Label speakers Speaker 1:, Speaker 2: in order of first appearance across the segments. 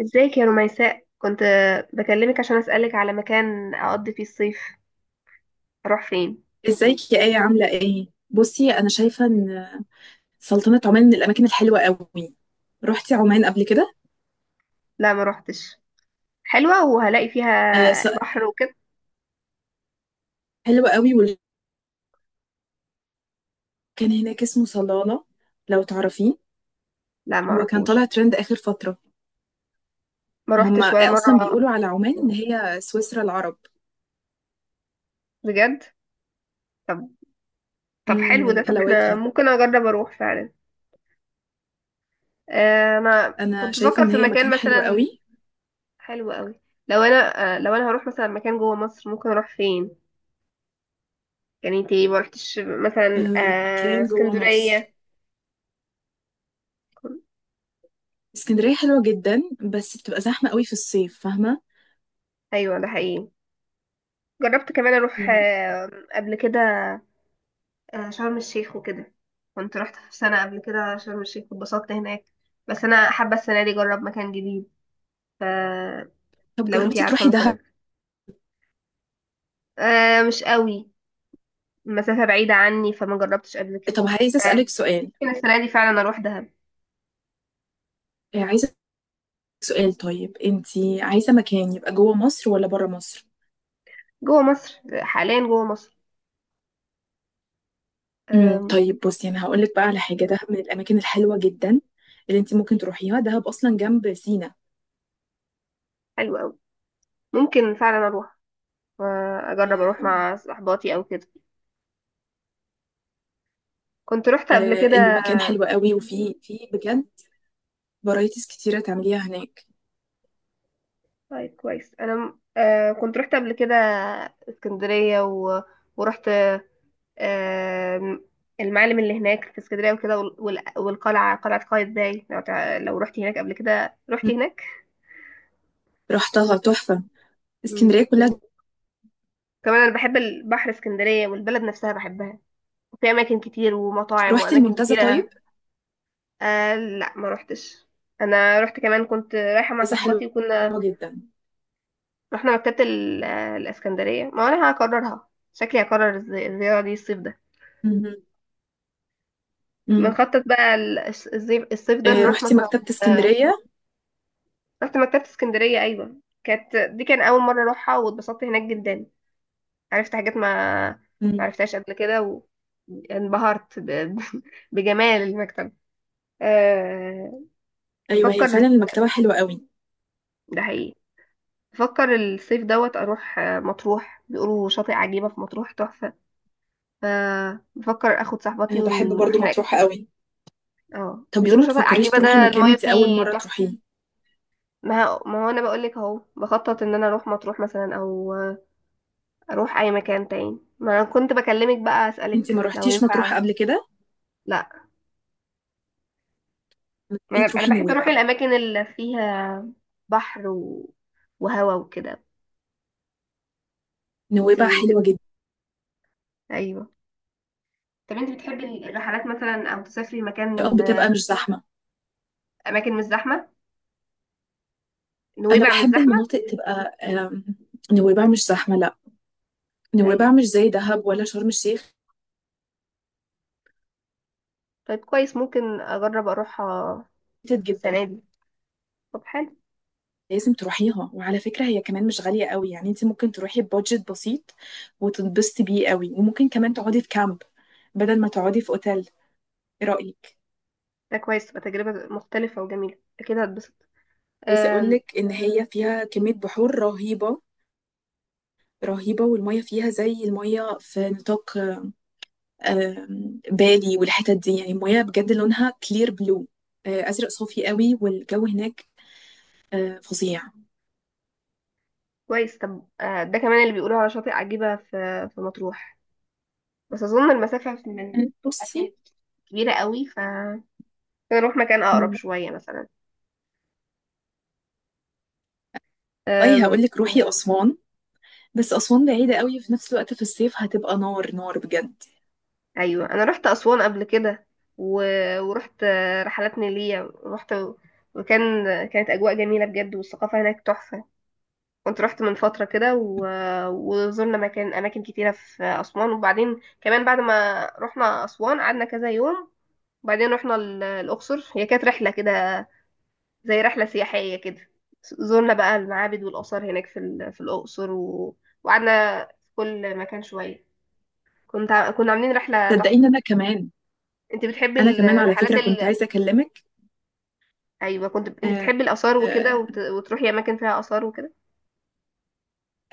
Speaker 1: ازيك يا رميساء؟ كنت بكلمك عشان اسألك على مكان اقضي فيه الصيف، اروح فين؟
Speaker 2: ازيك يا آية، عاملة ايه؟ بصي، أنا شايفة إن سلطنة عمان من الأماكن الحلوة قوي. رحتي عمان قبل كده؟
Speaker 1: لا، ما روحتش. حلوة وهلاقي فيها
Speaker 2: آه س-
Speaker 1: بحر وكده؟
Speaker 2: حلوة قوي. وكان هناك اسمه صلالة، لو تعرفيه.
Speaker 1: لا، ما
Speaker 2: هو كان طالع
Speaker 1: اعرفوش.
Speaker 2: ترند آخر فترة.
Speaker 1: ما
Speaker 2: هما
Speaker 1: روحتش ولا
Speaker 2: أصلا
Speaker 1: مرة.
Speaker 2: بيقولوا على عمان إن هي سويسرا العرب.
Speaker 1: بجد؟ طب
Speaker 2: مم،
Speaker 1: طب حلو ده.
Speaker 2: من
Speaker 1: طب احنا
Speaker 2: حلاوتها.
Speaker 1: ممكن اجرب اروح فعلا. انا
Speaker 2: أنا
Speaker 1: كنت
Speaker 2: شايفة
Speaker 1: بفكر
Speaker 2: إن
Speaker 1: في
Speaker 2: هي
Speaker 1: مكان
Speaker 2: مكان حلو قوي.
Speaker 1: مثلا. حلو قوي. لو انا هروح مثلا مكان جوه مصر، ممكن اروح فين؟ يعني انتي ما روحتش مثلا
Speaker 2: آه، مكان جوه مصر.
Speaker 1: اسكندرية؟
Speaker 2: اسكندرية حلوة جدا، بس بتبقى زحمة قوي في الصيف، فاهمة؟
Speaker 1: ايوه، ده حقيقي. جربت كمان اروح
Speaker 2: مم.
Speaker 1: قبل كده شرم الشيخ وكده. كنت رحت في سنة قبل كده شرم الشيخ واتبسطت هناك، بس انا حابة السنة دي اجرب مكان جديد. فلو
Speaker 2: طب
Speaker 1: انتي
Speaker 2: جربتي
Speaker 1: عارفة
Speaker 2: تروحي دهب؟
Speaker 1: مثلا مش قوي. المسافة بعيدة عني فما جربتش قبل كده.
Speaker 2: طب عايزة أسألك سؤال.
Speaker 1: ممكن السنة دي فعلا اروح دهب.
Speaker 2: آه، عايزة سؤال طيب، انتي عايزة مكان يبقى جوه مصر ولا بره مصر؟
Speaker 1: جوه مصر، حاليا جوه مصر. آم،
Speaker 2: طيب، بصي انا هقولك بقى على حاجة. دهب من الأماكن الحلوة جدا اللي انتي ممكن تروحيها. دهب أصلا جنب سينا.
Speaker 1: حلو قوي. ممكن فعلا اروح. اجرب اروح
Speaker 2: آم،
Speaker 1: مع صحباتي او كده. كنت رحت قبل كده.
Speaker 2: المكان حلو قوي. وفي بجد فرايتيز كتيرة تعمليها هناك.
Speaker 1: طيب كويس، انا كنت رحت قبل كده. اسكندريه ورحت آه المعالم اللي هناك في اسكندريه وكده، والقلعه قلعه قايتباي، لو رحت هناك قبل كده، رحت
Speaker 2: مم.
Speaker 1: هناك.
Speaker 2: رحتها تحفة.
Speaker 1: مم.
Speaker 2: اسكندرية
Speaker 1: وكمان،
Speaker 2: كلها.
Speaker 1: انا بحب البحر، اسكندريه والبلد نفسها بحبها، وفي اماكن كتير ومطاعم
Speaker 2: رحتي
Speaker 1: واماكن
Speaker 2: المنتزه
Speaker 1: كتيره.
Speaker 2: طيب؟
Speaker 1: لا، ما روحتش. انا رحت كمان، كنت رايحه مع
Speaker 2: بس حلوة
Speaker 1: صاحبتي وكنا
Speaker 2: جدا.
Speaker 1: رحنا مكتبه ال... آه، الاسكندريه. ما انا هكررها، شكلي هكرر الزياره دي الصيف ده.
Speaker 2: مم. مم.
Speaker 1: بنخطط بقى الصيف ده نروح
Speaker 2: رحتي
Speaker 1: مثلا.
Speaker 2: مكتبة
Speaker 1: آه،
Speaker 2: اسكندرية؟
Speaker 1: رحت مكتبة اسكندرية، أيوة، كانت دي كان أول مرة أروحها واتبسطت هناك جدا. عرفت حاجات ما
Speaker 2: مم.
Speaker 1: عرفتهاش قبل كده، وانبهرت بجمال المكتبة. أه...
Speaker 2: أيوة، هي
Speaker 1: بفكر،
Speaker 2: فعلا المكتبة حلوة قوي.
Speaker 1: ده حقيقي. بفكر الصيف دوت أروح مطروح. بيقولوا شاطئ عجيبة في مطروح تحفة، فبفكر أخد صاحبتي
Speaker 2: أنا بحب برضو
Speaker 1: ونروح هناك.
Speaker 2: مطروحة قوي.
Speaker 1: اه
Speaker 2: طب ليه
Speaker 1: بيقولوا
Speaker 2: ما
Speaker 1: شاطئ
Speaker 2: تفكريش
Speaker 1: عجيبة
Speaker 2: تروحي
Speaker 1: ده
Speaker 2: مكان
Speaker 1: المايه
Speaker 2: انت اول
Speaker 1: فيه
Speaker 2: مره
Speaker 1: تحفة.
Speaker 2: تروحيه؟
Speaker 1: ما هو انا بقول لك اهو، بخطط ان انا اروح مطروح مثلا، او اروح اي مكان تاني. ما انا كنت بكلمك بقى
Speaker 2: انت
Speaker 1: اسالك
Speaker 2: ما
Speaker 1: لو
Speaker 2: روحتيش
Speaker 1: ينفع.
Speaker 2: مطروح قبل كده؟
Speaker 1: لا،
Speaker 2: ما تبقي
Speaker 1: ما انا
Speaker 2: تروحي
Speaker 1: بحب اروح
Speaker 2: نويبع.
Speaker 1: الاماكن اللي فيها بحر وهوا وكده. انت
Speaker 2: نويبع
Speaker 1: انت
Speaker 2: حلوه جدا.
Speaker 1: ايوه. طب انت بتحبي الرحلات مثلا او تسافري مكان؟
Speaker 2: بتبقى مش زحمه.
Speaker 1: اماكن مش زحمه،
Speaker 2: انا
Speaker 1: نويبع مش
Speaker 2: بحب
Speaker 1: زحمه.
Speaker 2: المناطق تبقى. آم، نويبع مش زحمه، لا. نويبع
Speaker 1: ايوه،
Speaker 2: مش زي دهب ولا شرم الشيخ.
Speaker 1: طيب كويس. ممكن اجرب اروحها
Speaker 2: كتير جدا.
Speaker 1: السنه دي. طب حلو.
Speaker 2: لازم تروحيها. وعلى فكره هي كمان مش غاليه قوي، يعني انت ممكن تروحي ببادجت بسيط وتتبسطي بيه قوي. وممكن كمان تقعدي في كامب بدل ما تقعدي في اوتيل. ايه رايك؟
Speaker 1: ده كويس، تبقى تجربه مختلفه وجميله، اكيد هتبسط.
Speaker 2: عايزه اقول
Speaker 1: أم،
Speaker 2: لك ان هي فيها كميه بحور رهيبه. رهيبة، والمية فيها زي المية في نطاق بالي والحتت دي. يعني المية بجد لونها كلير بلو، أزرق صافي قوي. والجو هناك فظيع.
Speaker 1: كويس. طب ده كمان اللي بيقولوا على شاطئ عجيبة في مطروح. بس أظن المسافة من أتين
Speaker 2: بصي،
Speaker 1: كبيرة قوي، نروح مكان أقرب
Speaker 2: مم،
Speaker 1: شوية مثلا.
Speaker 2: والله
Speaker 1: أم...
Speaker 2: هقول لك روحي أسوان. بس أسوان بعيدة قوي، في نفس الوقت في الصيف هتبقى نار نار بجد.
Speaker 1: أيوة، أنا رحت أسوان قبل كده و... ورحت رحلات نيلية. رحت وكان كانت أجواء جميلة بجد والثقافة هناك تحفة. كنت رحت من فترة كده وزرنا أماكن كتيرة في أسوان. وبعدين كمان، بعد ما رحنا أسوان قعدنا كذا يوم، وبعدين رحنا الأقصر. هي كانت رحلة كده، زي رحلة سياحية كده. زورنا بقى المعابد والآثار هناك في الأقصر وقعدنا في كل مكان شوية. كنا عاملين رحلة تحفة.
Speaker 2: صدقيني، أنا كمان.
Speaker 1: انت بتحبي
Speaker 2: أنا كمان على
Speaker 1: الرحلات
Speaker 2: فكرة كنت عايزة أكلمك.
Speaker 1: ايوه كنت. انت
Speaker 2: آه،
Speaker 1: بتحبي الآثار وكده
Speaker 2: آه،
Speaker 1: وتروحي أماكن فيها آثار وكده.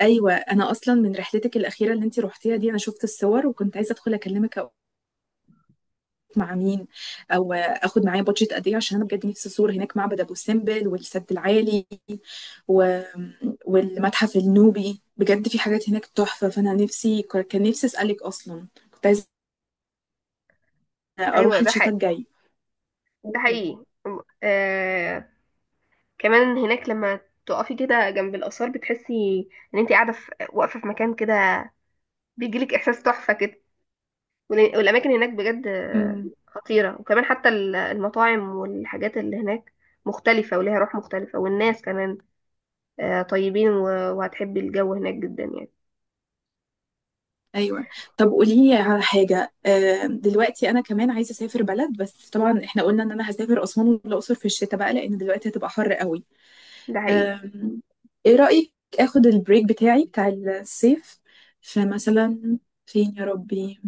Speaker 2: أيوة، أنا أصلا من رحلتك الأخيرة اللي أنت روحتيها دي، أنا شفت الصور وكنت عايزة أدخل أكلمك مع مين، او اخد معايا بادجت قد ايه، عشان انا بجد نفسي ازور هناك معبد ابو سمبل والسد العالي و... والمتحف النوبي. بجد في حاجات هناك تحفة. فانا نفسي اسالك اصلا. كنت عايزة
Speaker 1: ايوه،
Speaker 2: اروح
Speaker 1: ده
Speaker 2: الشتاء
Speaker 1: حقيقي.
Speaker 2: الجاي.
Speaker 1: ده حقيقي آه... كمان هناك، لما تقفي كده جنب الآثار بتحسي ان انت واقفة في مكان كده، بيجيلك إحساس تحفة كده. والأماكن هناك بجد
Speaker 2: امم
Speaker 1: خطيرة. وكمان حتى المطاعم والحاجات اللي هناك مختلفة وليها روح مختلفة. والناس كمان طيبين، وهتحبي الجو هناك جدا يعني.
Speaker 2: ايوه. طب قولي لي على حاجه. دلوقتي انا كمان عايزه اسافر بلد. بس طبعا احنا قلنا ان انا هسافر اسوان والاقصر في الشتاء بقى، لان دلوقتي هتبقى حر قوي.
Speaker 1: ده حقيقي.
Speaker 2: أم، ايه رأيك اخد البريك بتاعي بتاع الصيف، فمثلا فين يا ربي؟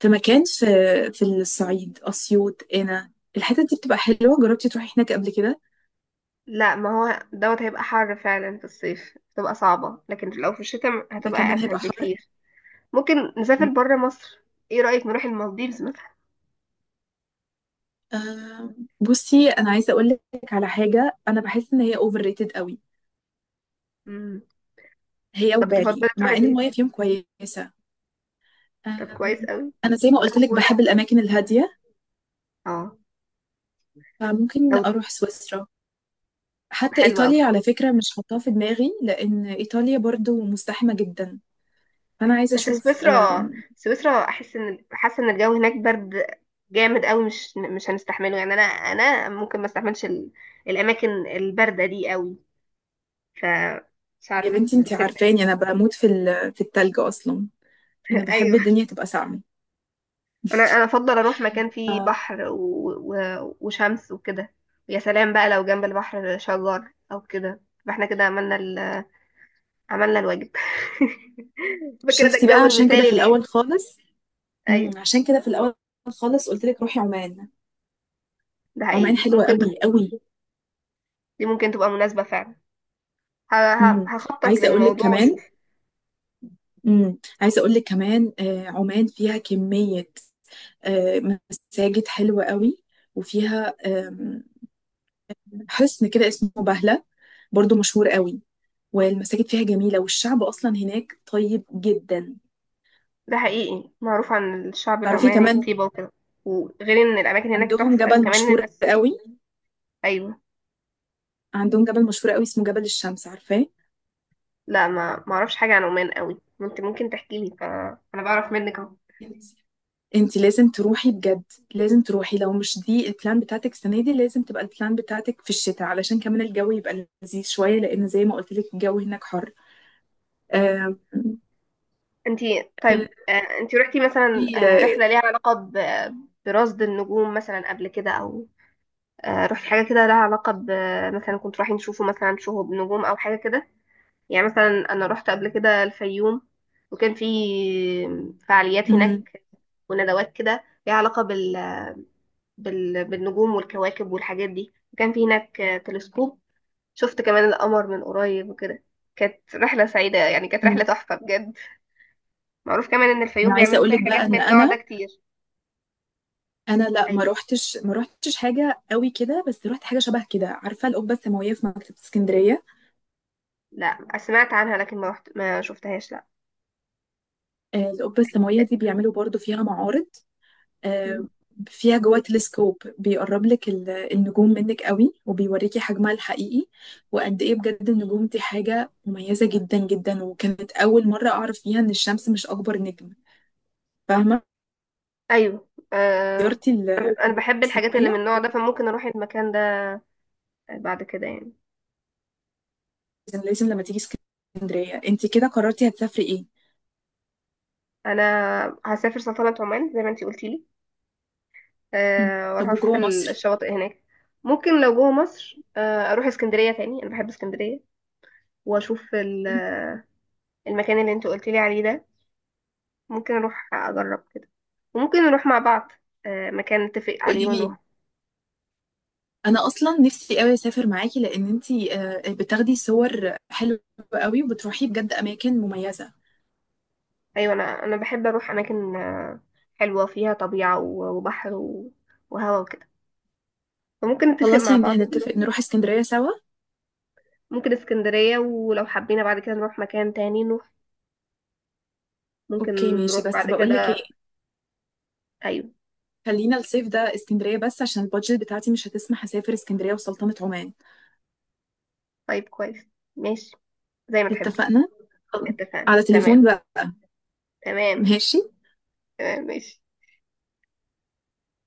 Speaker 2: في مكان في الصعيد، أسيوط. هنا الحتة دي بتبقى حلوة. جربتي تروحي هناك قبل كده؟
Speaker 1: لا، ما هو دوت هيبقى حر فعلا، في الصيف هتبقى صعبة، لكن لو في الشتاء
Speaker 2: ده
Speaker 1: هتبقى
Speaker 2: كمان
Speaker 1: أسهل
Speaker 2: هيبقى حر.
Speaker 1: بكتير. ممكن نسافر برا مصر. ايه رأيك نروح المالديفز مثلا؟
Speaker 2: بصي، انا عايزة اقول لك على حاجة. انا بحس ان هي اوفر ريتد قوي،
Speaker 1: مم.
Speaker 2: هي
Speaker 1: طب
Speaker 2: وبالي،
Speaker 1: تفضلي
Speaker 2: مع
Speaker 1: تروحي
Speaker 2: ان
Speaker 1: فين؟
Speaker 2: المية فيهم كويسة.
Speaker 1: طب كويس
Speaker 2: أم،
Speaker 1: قوي.
Speaker 2: انا زي ما قلت لك
Speaker 1: لو
Speaker 2: بحب
Speaker 1: لو
Speaker 2: الاماكن الهادية،
Speaker 1: اه
Speaker 2: فممكن
Speaker 1: لو
Speaker 2: اروح سويسرا. حتى
Speaker 1: حلو قوي.
Speaker 2: إيطاليا على فكرة مش حاطاه في دماغي، لأن إيطاليا برضو مزدحمة جدا. فأنا عايزة
Speaker 1: بس
Speaker 2: أشوف.
Speaker 1: سويسرا سويسرا احس ان حاسه الجو هناك برد جامد قوي. مش هنستحمله يعني، انا ممكن ما استحملش الاماكن البارده دي قوي. ف مش
Speaker 2: يا
Speaker 1: عارفه،
Speaker 2: بنتي أنتي
Speaker 1: لكن
Speaker 2: عارفاني، أنا بموت في في التلج أصلا. أنا بحب
Speaker 1: ايوه،
Speaker 2: الدنيا تبقى ساقعة.
Speaker 1: انا افضل اروح مكان فيه
Speaker 2: اه
Speaker 1: بحر وشمس وكده. يا سلام بقى لو جنب البحر شجر او كده، يبقى احنا كده عملنا عملنا الواجب. يبقى كده ده
Speaker 2: شفتي بقى؟
Speaker 1: الجو
Speaker 2: عشان كده
Speaker 1: المثالي
Speaker 2: في الأول
Speaker 1: ليه.
Speaker 2: خالص،
Speaker 1: ايوه،
Speaker 2: عشان كده في الأول خالص قلت لك روحي عمان.
Speaker 1: ده
Speaker 2: عمان
Speaker 1: حقيقي.
Speaker 2: حلوة
Speaker 1: ممكن
Speaker 2: قوي قوي.
Speaker 1: دي ممكن تبقى مناسبه فعلا.
Speaker 2: مم.
Speaker 1: هخطط
Speaker 2: عايزة أقول لك
Speaker 1: للموضوع
Speaker 2: كمان.
Speaker 1: واشوف.
Speaker 2: مم. عايزة أقول لك كمان، عمان فيها كمية آه، مساجد حلوة قوي، وفيها حصن كده اسمه بهلة، برضو مشهور قوي. والمساجد فيها جميلة، والشعب أصلا هناك طيب جدا.
Speaker 1: ده حقيقي، معروف عن الشعب
Speaker 2: تعرفي
Speaker 1: العماني
Speaker 2: كمان،
Speaker 1: الطيبة وكده. وغير ان الاماكن هناك
Speaker 2: عندهم
Speaker 1: تحفة،
Speaker 2: جبل
Speaker 1: كمان
Speaker 2: مشهور
Speaker 1: الناس.
Speaker 2: قوي
Speaker 1: ايوه.
Speaker 2: عندهم جبل مشهور قوي اسمه جبل الشمس، عارفاه؟
Speaker 1: لا، ما اعرفش حاجة عن عمان قوي. انت ممكن تحكي لي، فانا بعرف منك اهو.
Speaker 2: انت لازم تروحي بجد. لازم تروحي. لو مش دي البلان بتاعتك السنة دي، لازم تبقى البلان بتاعتك في الشتاء، علشان كمان الجو يبقى لذيذ شوية، لأن زي ما قلت لك الجو هناك حر. آم،
Speaker 1: انت، طيب انت رحتي مثلا
Speaker 2: في- آه،
Speaker 1: رحلة ليها علاقة برصد النجوم مثلا قبل كده، او رحتي حاجة كده لها علاقة مثلا كنت رايحين نشوفوا مثلا شهب نجوم او حاجة كده؟ يعني مثلا انا رحت قبل كده الفيوم وكان في فعاليات
Speaker 2: مم،
Speaker 1: هناك وندوات كده ليها علاقة بالنجوم والكواكب والحاجات دي. وكان في هناك تلسكوب، شفت كمان القمر من قريب وكده. كانت رحلة سعيدة يعني، كانت رحلة
Speaker 2: مم.
Speaker 1: تحفة بجد. معروف كمان إن الفيوم
Speaker 2: أنا عايزة
Speaker 1: بيعملوا
Speaker 2: أقول
Speaker 1: فيها
Speaker 2: لك
Speaker 1: حاجات
Speaker 2: بقى إن
Speaker 1: من النوع ده
Speaker 2: أنا
Speaker 1: كتير.
Speaker 2: انا لا،
Speaker 1: أيوة.
Speaker 2: ما روحتش حاجه قوي كده، بس روحت حاجه شبه كده. عارفه القبه السماويه في مكتبه اسكندريه؟
Speaker 1: لا، سمعت عنها لكن ما رحت، ما شفتهاش، لا.
Speaker 2: القبه السماويه دي بيعملوا برضو فيها معارض. آه،
Speaker 1: مم.
Speaker 2: فيها جوه تلسكوب بيقرب لك النجوم منك قوي، وبيوريكي حجمها الحقيقي وقد ايه. بجد النجوم دي حاجه مميزه جدا جدا. وكانت اول مره اعرف فيها ان الشمس مش اكبر نجم، فاهمه؟
Speaker 1: أيوة. آه...
Speaker 2: زيارتي
Speaker 1: أنا
Speaker 2: القبه
Speaker 1: بحب الحاجات اللي من
Speaker 2: السماويه.
Speaker 1: النوع ده، فممكن أروح المكان ده بعد كده يعني.
Speaker 2: لازم لازم لما تيجي اسكندريه. انت كده قررتي هتسافري ايه؟
Speaker 1: أنا هسافر سلطنة عمان زي ما انتي قلتيلي.
Speaker 2: م.
Speaker 1: واروح
Speaker 2: طب
Speaker 1: اشوف
Speaker 2: وجوه مصر؟
Speaker 1: الشواطئ هناك. ممكن لو جوه مصر اروح اسكندريه تاني، انا بحب اسكندريه. واشوف المكان اللي انت قلت لي عليه ده. ممكن اروح اجرب كده، وممكن نروح مع بعض مكان نتفق عليه
Speaker 2: قولي لي.
Speaker 1: ونروح.
Speaker 2: انا اصلا نفسي قوي اسافر معاكي، لان انتي بتاخدي صور حلوه قوي وبتروحي بجد اماكن مميزه.
Speaker 1: ايوه، انا بحب اروح اماكن حلوه فيها طبيعه، وبحر وهوا وكده. فممكن نتفق
Speaker 2: خلاص،
Speaker 1: مع
Speaker 2: يعني
Speaker 1: بعض
Speaker 2: هنتفق
Speaker 1: ونروح.
Speaker 2: نروح اسكندريه سوا.
Speaker 1: ممكن اسكندريه، ولو حبينا بعد كده نروح مكان تاني نروح. ممكن
Speaker 2: اوكي، ماشي.
Speaker 1: نروح
Speaker 2: بس
Speaker 1: بعد
Speaker 2: بقولك ايه،
Speaker 1: كده. ايوه،
Speaker 2: خلينا الصيف ده اسكندريه بس، عشان البادجت بتاعتي مش هتسمح اسافر اسكندريه وسلطنه عمان.
Speaker 1: طيب كويس، ماشي، زي ما تحبي.
Speaker 2: اتفقنا. خلاص.
Speaker 1: اتفقنا،
Speaker 2: على تليفون
Speaker 1: تمام.
Speaker 2: بقى.
Speaker 1: تمام،
Speaker 2: ماشي.
Speaker 1: تمام، ماشي.